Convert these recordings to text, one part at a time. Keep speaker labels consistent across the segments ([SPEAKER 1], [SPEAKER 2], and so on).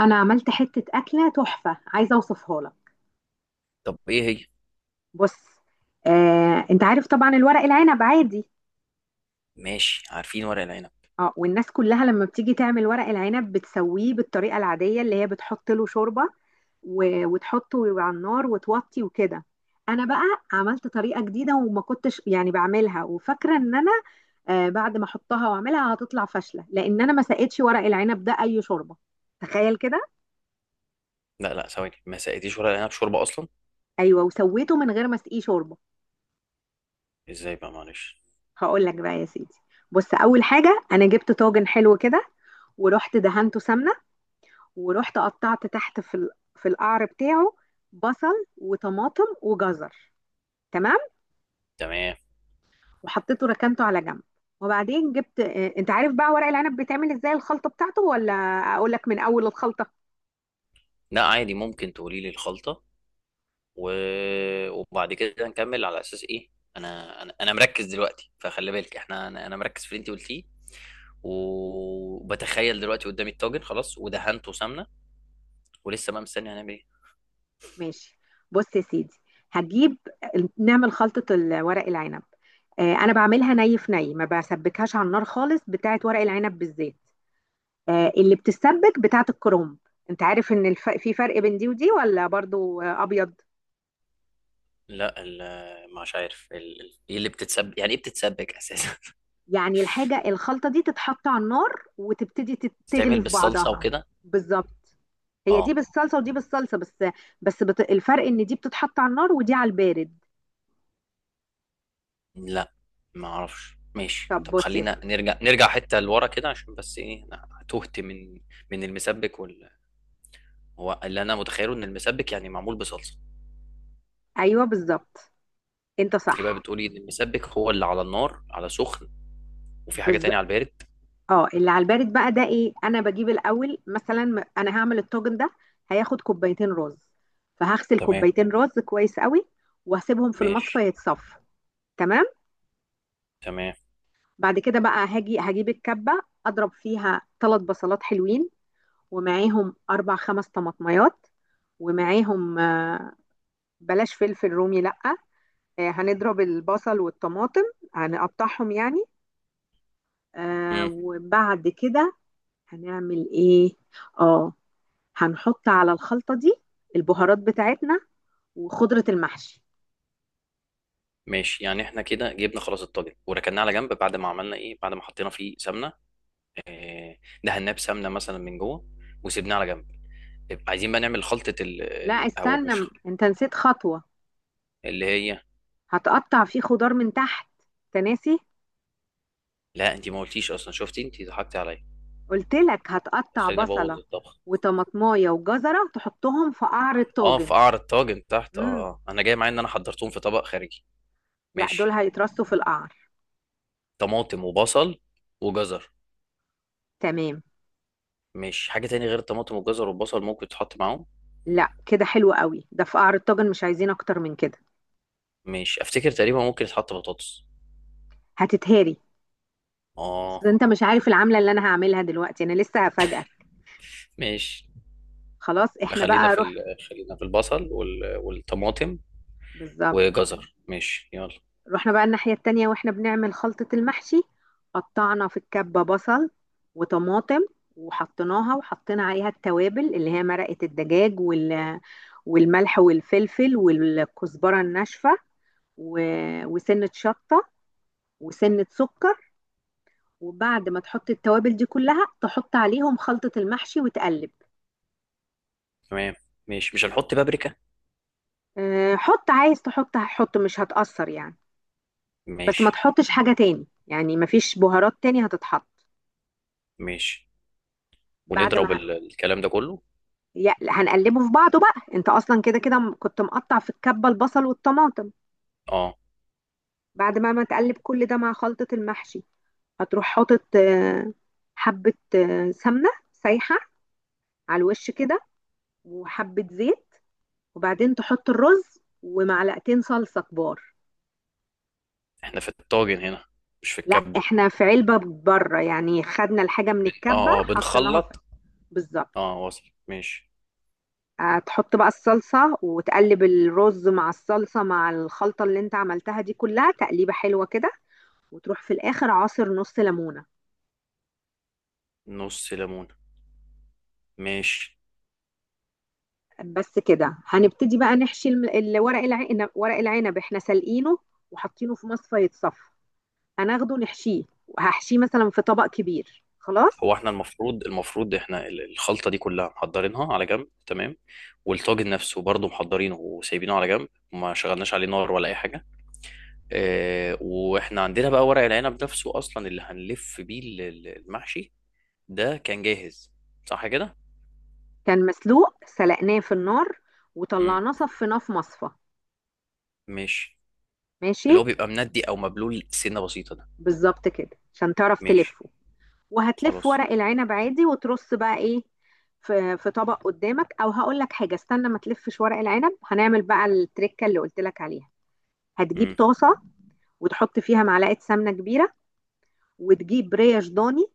[SPEAKER 1] انا عملت حته اكله تحفه عايزه اوصفها لك.
[SPEAKER 2] طب ايه هي؟
[SPEAKER 1] بص. انت عارف طبعا الورق العنب عادي.
[SPEAKER 2] ماشي، عارفين ورق العنب.
[SPEAKER 1] اه والناس كلها لما بتيجي تعمل ورق العنب بتسويه بالطريقه العاديه اللي هي بتحط له شوربه وتحطه على النار وتوطي وكده. انا بقى عملت طريقه جديده وما كنتش يعني بعملها وفاكره ان انا بعد ما احطها واعملها هتطلع فاشله لان انا ما سقيتش ورق العنب ده اي شوربه. تخيل كده.
[SPEAKER 2] لا لا، ثواني، ما سقيتيش ورق العنب شوربه اصلا؟
[SPEAKER 1] ايوه، وسويته من غير ما اسقيه شوربه.
[SPEAKER 2] ازاي بقى؟ معلش.
[SPEAKER 1] هقول لك بقى يا سيدي. بص، اول حاجه انا جبت طاجن حلو كده، ورحت دهنته سمنه، ورحت قطعت تحت في القعر بتاعه بصل وطماطم وجزر. تمام.
[SPEAKER 2] تمام.
[SPEAKER 1] وحطيته ركنته على جنب. وبعدين جبت. انت عارف بقى ورق العنب بيتعمل ازاي الخلطه بتاعته، ولا اقول لك من اول الخلطه؟
[SPEAKER 2] لا عادي، ممكن تقولي لي الخلطه و... وبعد كده نكمل على اساس ايه. انا مركز دلوقتي، فخلي بالك احنا أنا مركز في اللي انت قلتيه، وبتخيل دلوقتي قدامي الطاجن خلاص ودهنته سمنه، ولسه بقى مستني هنعمل ايه.
[SPEAKER 1] ماشي، بص يا سيدي، هجيب نعمل خلطه ورق العنب. انا بعملها ني في ني، ما بسبكهاش على النار خالص بتاعت ورق العنب بالزيت. اللي بتسبك بتاعت الكروم. انت عارف ان في فرق بين دي ودي، ولا برضو ابيض؟
[SPEAKER 2] لا مش عارف ايه اللي بتتسبك، يعني ايه بتتسبك اساسا؟
[SPEAKER 1] يعني الحاجة الخلطة دي تتحط على النار وتبتدي
[SPEAKER 2] بتتعمل
[SPEAKER 1] تغلي في
[SPEAKER 2] بالصلصه
[SPEAKER 1] بعضها.
[SPEAKER 2] وكده؟
[SPEAKER 1] بالظبط. هي دي
[SPEAKER 2] اه.
[SPEAKER 1] بالصلصة ودي بالصلصة بس. بس الفرق ان دي بتتحط على النار ودي على البارد.
[SPEAKER 2] لا ما اعرفش، ماشي،
[SPEAKER 1] طب
[SPEAKER 2] طب
[SPEAKER 1] بص يا
[SPEAKER 2] خلينا
[SPEAKER 1] سيدي.
[SPEAKER 2] نرجع، نرجع حتة لورا كده عشان بس ايه، انا تهت من من المسبك هو اللي انا متخيله ان المسبك يعني معمول بصلصة.
[SPEAKER 1] ايوه بالظبط، انت
[SPEAKER 2] انت بقى
[SPEAKER 1] صح.
[SPEAKER 2] بتقولي ان المسبك هو اللي على النار، على سخن، وفي حاجة
[SPEAKER 1] بز...
[SPEAKER 2] تانية على البارد.
[SPEAKER 1] اه، اللي على البارد بقى ده ايه، انا بجيب الاول انا هعمل الطاجن ده. هياخد كوبايتين رز، فهغسل
[SPEAKER 2] تمام.
[SPEAKER 1] كوبايتين رز كويس قوي، وهسيبهم في المصفى
[SPEAKER 2] ماشي،
[SPEAKER 1] يتصفوا. تمام.
[SPEAKER 2] تمام.
[SPEAKER 1] بعد كده بقى هاجي هجيب الكبه، اضرب فيها ثلاث بصلات حلوين، ومعاهم اربع خمس طماطميات، ومعاهم. بلاش فلفل رومي لا. هنضرب البصل والطماطم، هنقطعهم يعني.
[SPEAKER 2] امم.
[SPEAKER 1] وبعد كده هنعمل ايه. اه، هنحط على الخلطة دي البهارات بتاعتنا وخضرة المحشي.
[SPEAKER 2] ماشي، يعني احنا كده جبنا خلاص الطاجن وركناه على جنب بعد ما عملنا ايه، بعد ما حطينا فيه سمنة، آه، دهناه بسمنة مثلا من جوه وسيبناه على جنب. طيب، عايزين بقى نعمل خلطة
[SPEAKER 1] لا
[SPEAKER 2] او
[SPEAKER 1] استنى،
[SPEAKER 2] مش خلطة،
[SPEAKER 1] انت نسيت خطوة.
[SPEAKER 2] اللي هي.
[SPEAKER 1] هتقطع فيه خضار من تحت. انت ناسي.
[SPEAKER 2] لا انت ما قلتيش اصلا، شفتي انت ضحكتي عليا،
[SPEAKER 1] قلت لك هتقطع
[SPEAKER 2] هتخليني ابوظ
[SPEAKER 1] بصلة
[SPEAKER 2] الطبخ.
[SPEAKER 1] وطماطماية وجزرة تحطهم في قعر
[SPEAKER 2] اه، في
[SPEAKER 1] الطاجن.
[SPEAKER 2] قعر الطاجن تحت، اه
[SPEAKER 1] امم.
[SPEAKER 2] اه، انا جاي معايا ان انا حضرتهم في طبق خارجي.
[SPEAKER 1] لا، دول
[SPEAKER 2] ماشي،
[SPEAKER 1] هيترصوا في القعر.
[SPEAKER 2] طماطم وبصل وجزر.
[SPEAKER 1] تمام.
[SPEAKER 2] ماشي، حاجه تاني غير الطماطم والجزر والبصل ممكن يتحط معاهم؟
[SPEAKER 1] لا كده حلو قوي، ده في قعر الطاجن مش عايزين اكتر من كده.
[SPEAKER 2] ماشي، افتكر تقريبا ممكن يتحط بطاطس.
[SPEAKER 1] هتتهري. اصل
[SPEAKER 2] اه.
[SPEAKER 1] انت مش عارف العملة اللي انا هعملها دلوقتي، انا لسه هفاجئك.
[SPEAKER 2] ماشي.
[SPEAKER 1] خلاص،
[SPEAKER 2] يبقى
[SPEAKER 1] احنا
[SPEAKER 2] خلينا
[SPEAKER 1] بقى
[SPEAKER 2] في
[SPEAKER 1] روح.
[SPEAKER 2] خلينا في البصل والطماطم
[SPEAKER 1] بالظبط.
[SPEAKER 2] وجزر. ماشي، يلا.
[SPEAKER 1] رحنا بقى الناحية التانية واحنا بنعمل خلطة المحشي. قطعنا في الكبة بصل وطماطم، وحطيناها وحطينا عليها التوابل اللي هي مرقة الدجاج وال... والملح والفلفل والكزبرة الناشفة و... وسنة شطة وسنة سكر. وبعد ما تحط التوابل دي كلها، تحط عليهم خلطة المحشي وتقلب.
[SPEAKER 2] تمام. ماشي، مش هنحط بابريكا؟
[SPEAKER 1] حط، عايز تحط هحط، مش هتأثر يعني. بس ما
[SPEAKER 2] ماشي.
[SPEAKER 1] تحطش حاجة تاني، يعني ما فيش بهارات تاني هتتحط.
[SPEAKER 2] ماشي،
[SPEAKER 1] بعد
[SPEAKER 2] ونضرب
[SPEAKER 1] ما
[SPEAKER 2] الكلام ده كله.
[SPEAKER 1] هنقلبه في بعضه. بقى انت اصلا كده كده كنت مقطع في الكبه البصل والطماطم.
[SPEAKER 2] اه.
[SPEAKER 1] بعد ما ما تقلب كل ده مع خلطه المحشي، هتروح حاطط حبه سمنه سايحه على الوش كده، وحبه زيت. وبعدين تحط الرز ومعلقتين صلصه كبار.
[SPEAKER 2] احنا في الطاجن هنا مش في
[SPEAKER 1] لا،
[SPEAKER 2] الكبة؟
[SPEAKER 1] احنا في علبه بره، يعني خدنا الحاجه من الكبه
[SPEAKER 2] اه اه،
[SPEAKER 1] حطيناها في.
[SPEAKER 2] بنخلط.
[SPEAKER 1] بالظبط.
[SPEAKER 2] اه، وصل، ماشي.
[SPEAKER 1] هتحط بقى الصلصة وتقلب الرز مع الصلصة مع الخلطة اللي انت عملتها دي كلها، تقليبة حلوة كده، وتروح في الآخر عصر نص ليمونة.
[SPEAKER 2] نص ليمونة؟ ماشي.
[SPEAKER 1] بس كده هنبتدي بقى نحشي ورق العنب. ورق العنب احنا سلقينه وحاطينه في مصفى يتصفى. هناخده نحشيه، وهحشيه مثلا في طبق كبير خلاص.
[SPEAKER 2] هو احنا المفروض، المفروض احنا الخلطة دي كلها محضرينها على جنب، تمام؟ والطاجن نفسه برضه محضرينه وسايبينه على جنب، وما شغلناش عليه نار ولا اي حاجة. اه، واحنا عندنا بقى ورق العنب نفسه اصلا اللي هنلف بيه المحشي، ده كان جاهز، صح كده؟
[SPEAKER 1] كان مسلوق سلقناه في النار
[SPEAKER 2] مم.
[SPEAKER 1] وطلعناه صفيناه في مصفى.
[SPEAKER 2] ماشي.
[SPEAKER 1] ماشي.
[SPEAKER 2] اللي هو بيبقى مندي او مبلول سنة بسيطة ده.
[SPEAKER 1] بالظبط كده عشان تعرف
[SPEAKER 2] ماشي.
[SPEAKER 1] تلفه. وهتلف
[SPEAKER 2] خلاص.
[SPEAKER 1] ورق العنب عادي وترص بقى ايه في في طبق قدامك. او هقول لك حاجه، استنى ما تلفش ورق العنب، هنعمل بقى التركه اللي قلت لك عليها. هتجيب طاسه وتحط فيها معلقه سمنه كبيره، وتجيب ريش ضاني،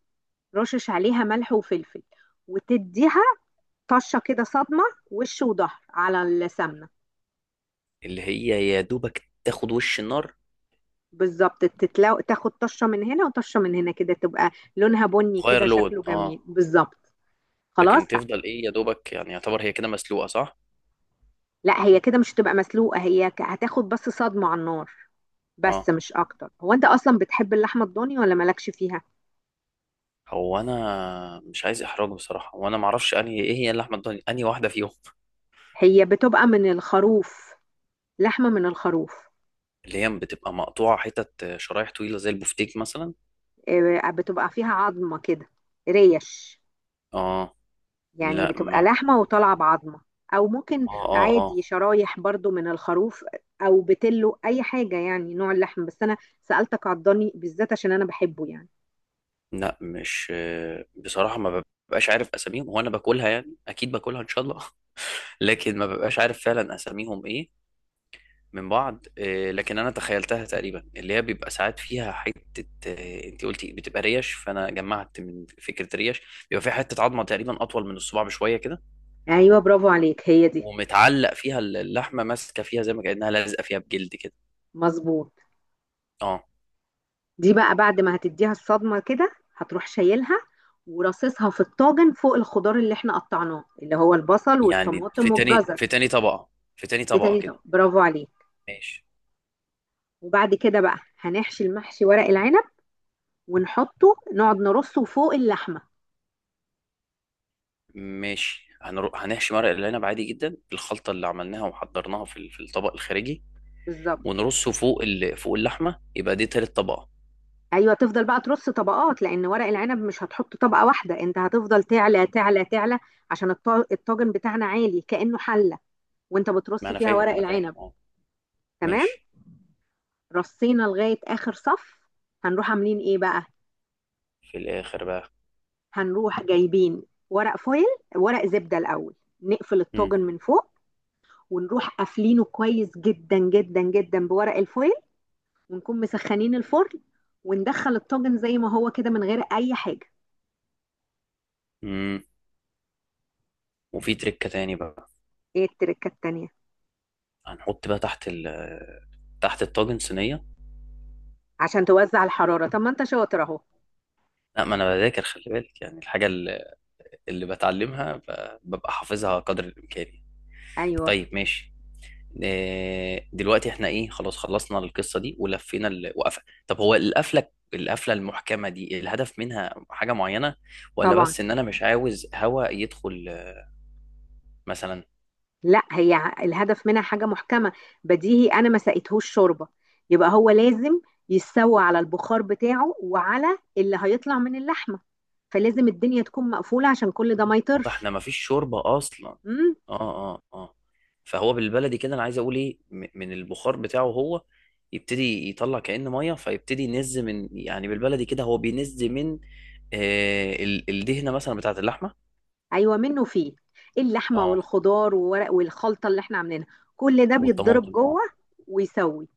[SPEAKER 1] رشش عليها ملح وفلفل، وتديها طشه كده، صدمه، وش وظهر على السمنه.
[SPEAKER 2] اللي هي يا دوبك تاخد وش النار.
[SPEAKER 1] بالظبط، تاخد طشه من هنا وطشه من هنا كده، تبقى لونها بني
[SPEAKER 2] تغير
[SPEAKER 1] كده
[SPEAKER 2] لون،
[SPEAKER 1] شكله جميل.
[SPEAKER 2] اه.
[SPEAKER 1] بالظبط. خلاص.
[SPEAKER 2] لكن تفضل ايه يا دوبك؟ يعني يعتبر هي كده مسلوقه، صح؟
[SPEAKER 1] لا، هي كده مش هتبقى مسلوقة، هي هتاخد بس صدمة على النار
[SPEAKER 2] اه.
[SPEAKER 1] بس مش اكتر. هو انت اصلا بتحب اللحمة الضاني ولا مالكش فيها؟
[SPEAKER 2] هو انا مش عايز احراج بصراحه، وانا ما اعرفش انهي ايه، هي اللحمه الضاني انهي واحده فيهم؟
[SPEAKER 1] هي بتبقى من الخروف، لحمة من الخروف.
[SPEAKER 2] اللي هي بتبقى مقطوعه حتت شرايح طويله زي البفتيك مثلا؟
[SPEAKER 1] بتبقى فيها عظمة كده، ريش،
[SPEAKER 2] اه.
[SPEAKER 1] يعني
[SPEAKER 2] لا
[SPEAKER 1] بتبقى
[SPEAKER 2] ما.
[SPEAKER 1] لحمة وطالعة بعظمة. او ممكن
[SPEAKER 2] اه اه اه.
[SPEAKER 1] عادي شرايح برضو من الخروف، او بتلو اي حاجة، يعني نوع اللحم، بس انا سألتك على الضاني بالذات عشان انا بحبه يعني.
[SPEAKER 2] لا مش. بصراحه ما ببقاش عارف اساميهم، هو انا باكلها، يعني اكيد باكلها ان شاء الله. لكن ما ببقاش عارف فعلا اساميهم ايه من بعض، لكن انا تخيلتها تقريبا، اللي هي بيبقى ساعات فيها حته، انت قلتي بتبقى ريش، فانا جمعت من فكره ريش بيبقى فيها حته عظمه تقريبا اطول من الصباع بشويه كده،
[SPEAKER 1] ايوه برافو عليك، هي دي.
[SPEAKER 2] ومتعلق فيها اللحمه، ماسكه فيها زي ما كانها لازقه فيها بجلد كده.
[SPEAKER 1] مظبوط.
[SPEAKER 2] اه.
[SPEAKER 1] دي بقى بعد ما هتديها الصدمة كده، هتروح شايلها ورصصها في الطاجن فوق الخضار اللي احنا قطعناه، اللي هو البصل
[SPEAKER 2] يعني في
[SPEAKER 1] والطماطم
[SPEAKER 2] تاني، في
[SPEAKER 1] والجزر.
[SPEAKER 2] تاني طبقه في تاني
[SPEAKER 1] في
[SPEAKER 2] طبقه
[SPEAKER 1] تاني
[SPEAKER 2] كده؟
[SPEAKER 1] طبق، برافو عليك.
[SPEAKER 2] ماشي.
[SPEAKER 1] وبعد كده بقى هنحشي المحشي ورق العنب، ونحطه نقعد نرصه فوق اللحمة.
[SPEAKER 2] ماشي، هنروح هنحشي ورق العنب عادي جدا بالخلطه اللي عملناها وحضرناها في في الطبق الخارجي،
[SPEAKER 1] بالظبط.
[SPEAKER 2] ونرصه فوق فوق اللحمه، يبقى دي تالت طبقه.
[SPEAKER 1] ايوه تفضل بقى ترص طبقات، لان ورق العنب مش هتحط طبقة واحدة، انت هتفضل تعلى تعلى تعلى عشان الطاجن بتاعنا عالي كأنه حلة، وانت
[SPEAKER 2] ما
[SPEAKER 1] بترص
[SPEAKER 2] انا
[SPEAKER 1] فيها
[SPEAKER 2] فاهم،
[SPEAKER 1] ورق
[SPEAKER 2] انا فاهم،
[SPEAKER 1] العنب.
[SPEAKER 2] اه.
[SPEAKER 1] تمام.
[SPEAKER 2] ماشي.
[SPEAKER 1] رصينا لغاية اخر صف، هنروح عاملين ايه بقى؟
[SPEAKER 2] في الاخر بقى.
[SPEAKER 1] هنروح جايبين ورق فويل، ورق زبدة الأول نقفل
[SPEAKER 2] مم.
[SPEAKER 1] الطاجن من فوق. ونروح قافلينه كويس جدا جدا جدا بورق الفويل، ونكون مسخنين الفرن، وندخل الطاجن زي ما هو كده من غير أي حاجة.
[SPEAKER 2] مم. وفي تريكة تاني بقى.
[SPEAKER 1] ايه التركة التانية؟
[SPEAKER 2] هنحط بقى تحت ال تحت الطاجن صينية.
[SPEAKER 1] عشان توزع الحرارة، طب ما انت شاطر اهو.
[SPEAKER 2] لا ما انا بذاكر، خلي بالك، يعني الحاجة اللي بتعلمها ببقى حافظها قدر الامكان يعني.
[SPEAKER 1] ايوه
[SPEAKER 2] طيب، ماشي. دلوقتي احنا ايه؟ خلاص خلصنا القصة دي ولفينا وقفة، طب هو القفلة، القفلة المحكمة دي الهدف منها حاجة معينة، ولا
[SPEAKER 1] طبعا.
[SPEAKER 2] بس ان انا مش عاوز هوا يدخل مثلا؟
[SPEAKER 1] لا، هي الهدف منها حاجة محكمة. بديهي أنا ما سقيتهوش شوربة، يبقى هو لازم يستوي على البخار بتاعه وعلى اللي هيطلع من اللحمة، فلازم الدنيا تكون مقفولة عشان كل ده ما
[SPEAKER 2] واضح، احنا
[SPEAKER 1] يطرش.
[SPEAKER 2] مفيش شوربه اصلا.
[SPEAKER 1] امم.
[SPEAKER 2] اه اه اه. فهو بالبلدي كده، انا عايز اقول ايه، من البخار بتاعه هو يبتدي يطلع كأن ميه، فيبتدي ينز من، يعني بالبلدي كده هو بينز من الدهنه مثلا بتاعت اللحمه.
[SPEAKER 1] أيوة منه فيه. اللحمة
[SPEAKER 2] اه.
[SPEAKER 1] والخضار وورق والخلطة اللي احنا عاملينها، كل ده بيتضرب
[SPEAKER 2] والطماطم، اه.
[SPEAKER 1] جوه ويسوي.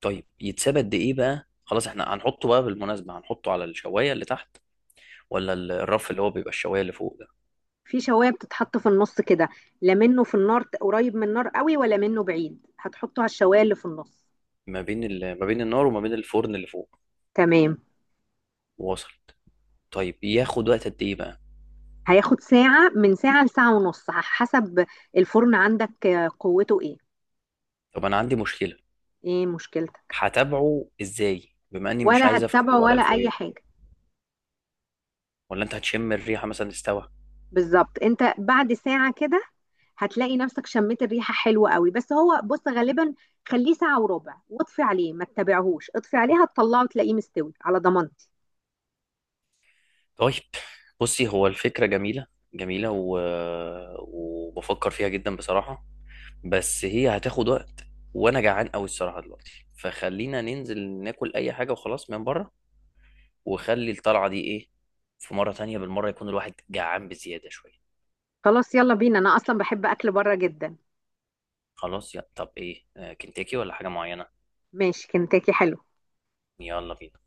[SPEAKER 2] طيب يتساب قد ايه بقى؟ خلاص، احنا هنحطه بقى، بالمناسبه، هنحطه على الشوايه اللي تحت، ولا الرف اللي هو بيبقى الشوايه اللي فوق ده؟
[SPEAKER 1] في شواية بتتحط في النص كده، لا منه في النار قريب من النار قوي ولا منه بعيد، هتحطه على الشواية اللي في النص.
[SPEAKER 2] ما بين ما بين النار وما بين الفرن اللي فوق.
[SPEAKER 1] تمام.
[SPEAKER 2] وصل. طيب ياخد وقت قد ايه بقى؟
[SPEAKER 1] هياخد ساعة، من ساعة لساعة ونص على حسب الفرن عندك قوته ايه.
[SPEAKER 2] طب انا عندي مشكله.
[SPEAKER 1] ايه مشكلتك؟
[SPEAKER 2] هتابعه ازاي بما اني مش
[SPEAKER 1] ولا
[SPEAKER 2] عايز افتح
[SPEAKER 1] هتتبعه
[SPEAKER 2] الورق
[SPEAKER 1] ولا اي
[SPEAKER 2] الفويل؟
[SPEAKER 1] حاجة.
[SPEAKER 2] ولا انت هتشم الريحه مثلا، استوى؟
[SPEAKER 1] بالظبط، انت بعد ساعة كده هتلاقي نفسك شميت الريحة حلوة قوي. بس هو بص غالبا خليه ساعة وربع واطفي عليه، ما تتابعهوش، اطفي عليه، هتطلعه تلاقيه مستوي على ضمانتي.
[SPEAKER 2] طيب. بصي، هو الفكره جميله، جميله، وبفكر فيها جدا بصراحه، بس هي هتاخد وقت، وانا جعان قوي الصراحه دلوقتي، فخلينا ننزل ناكل اي حاجه وخلاص من بره، وخلي الطلعه دي ايه، في مره تانية، بالمره يكون الواحد جعان بزياده شويه.
[SPEAKER 1] خلاص يلا بينا، انا اصلا بحب اكل بره جدا.
[SPEAKER 2] خلاص يا، طب ايه، كنتاكي ولا حاجه معينه؟
[SPEAKER 1] ماشي كنتاكي حلو.
[SPEAKER 2] يلا بينا.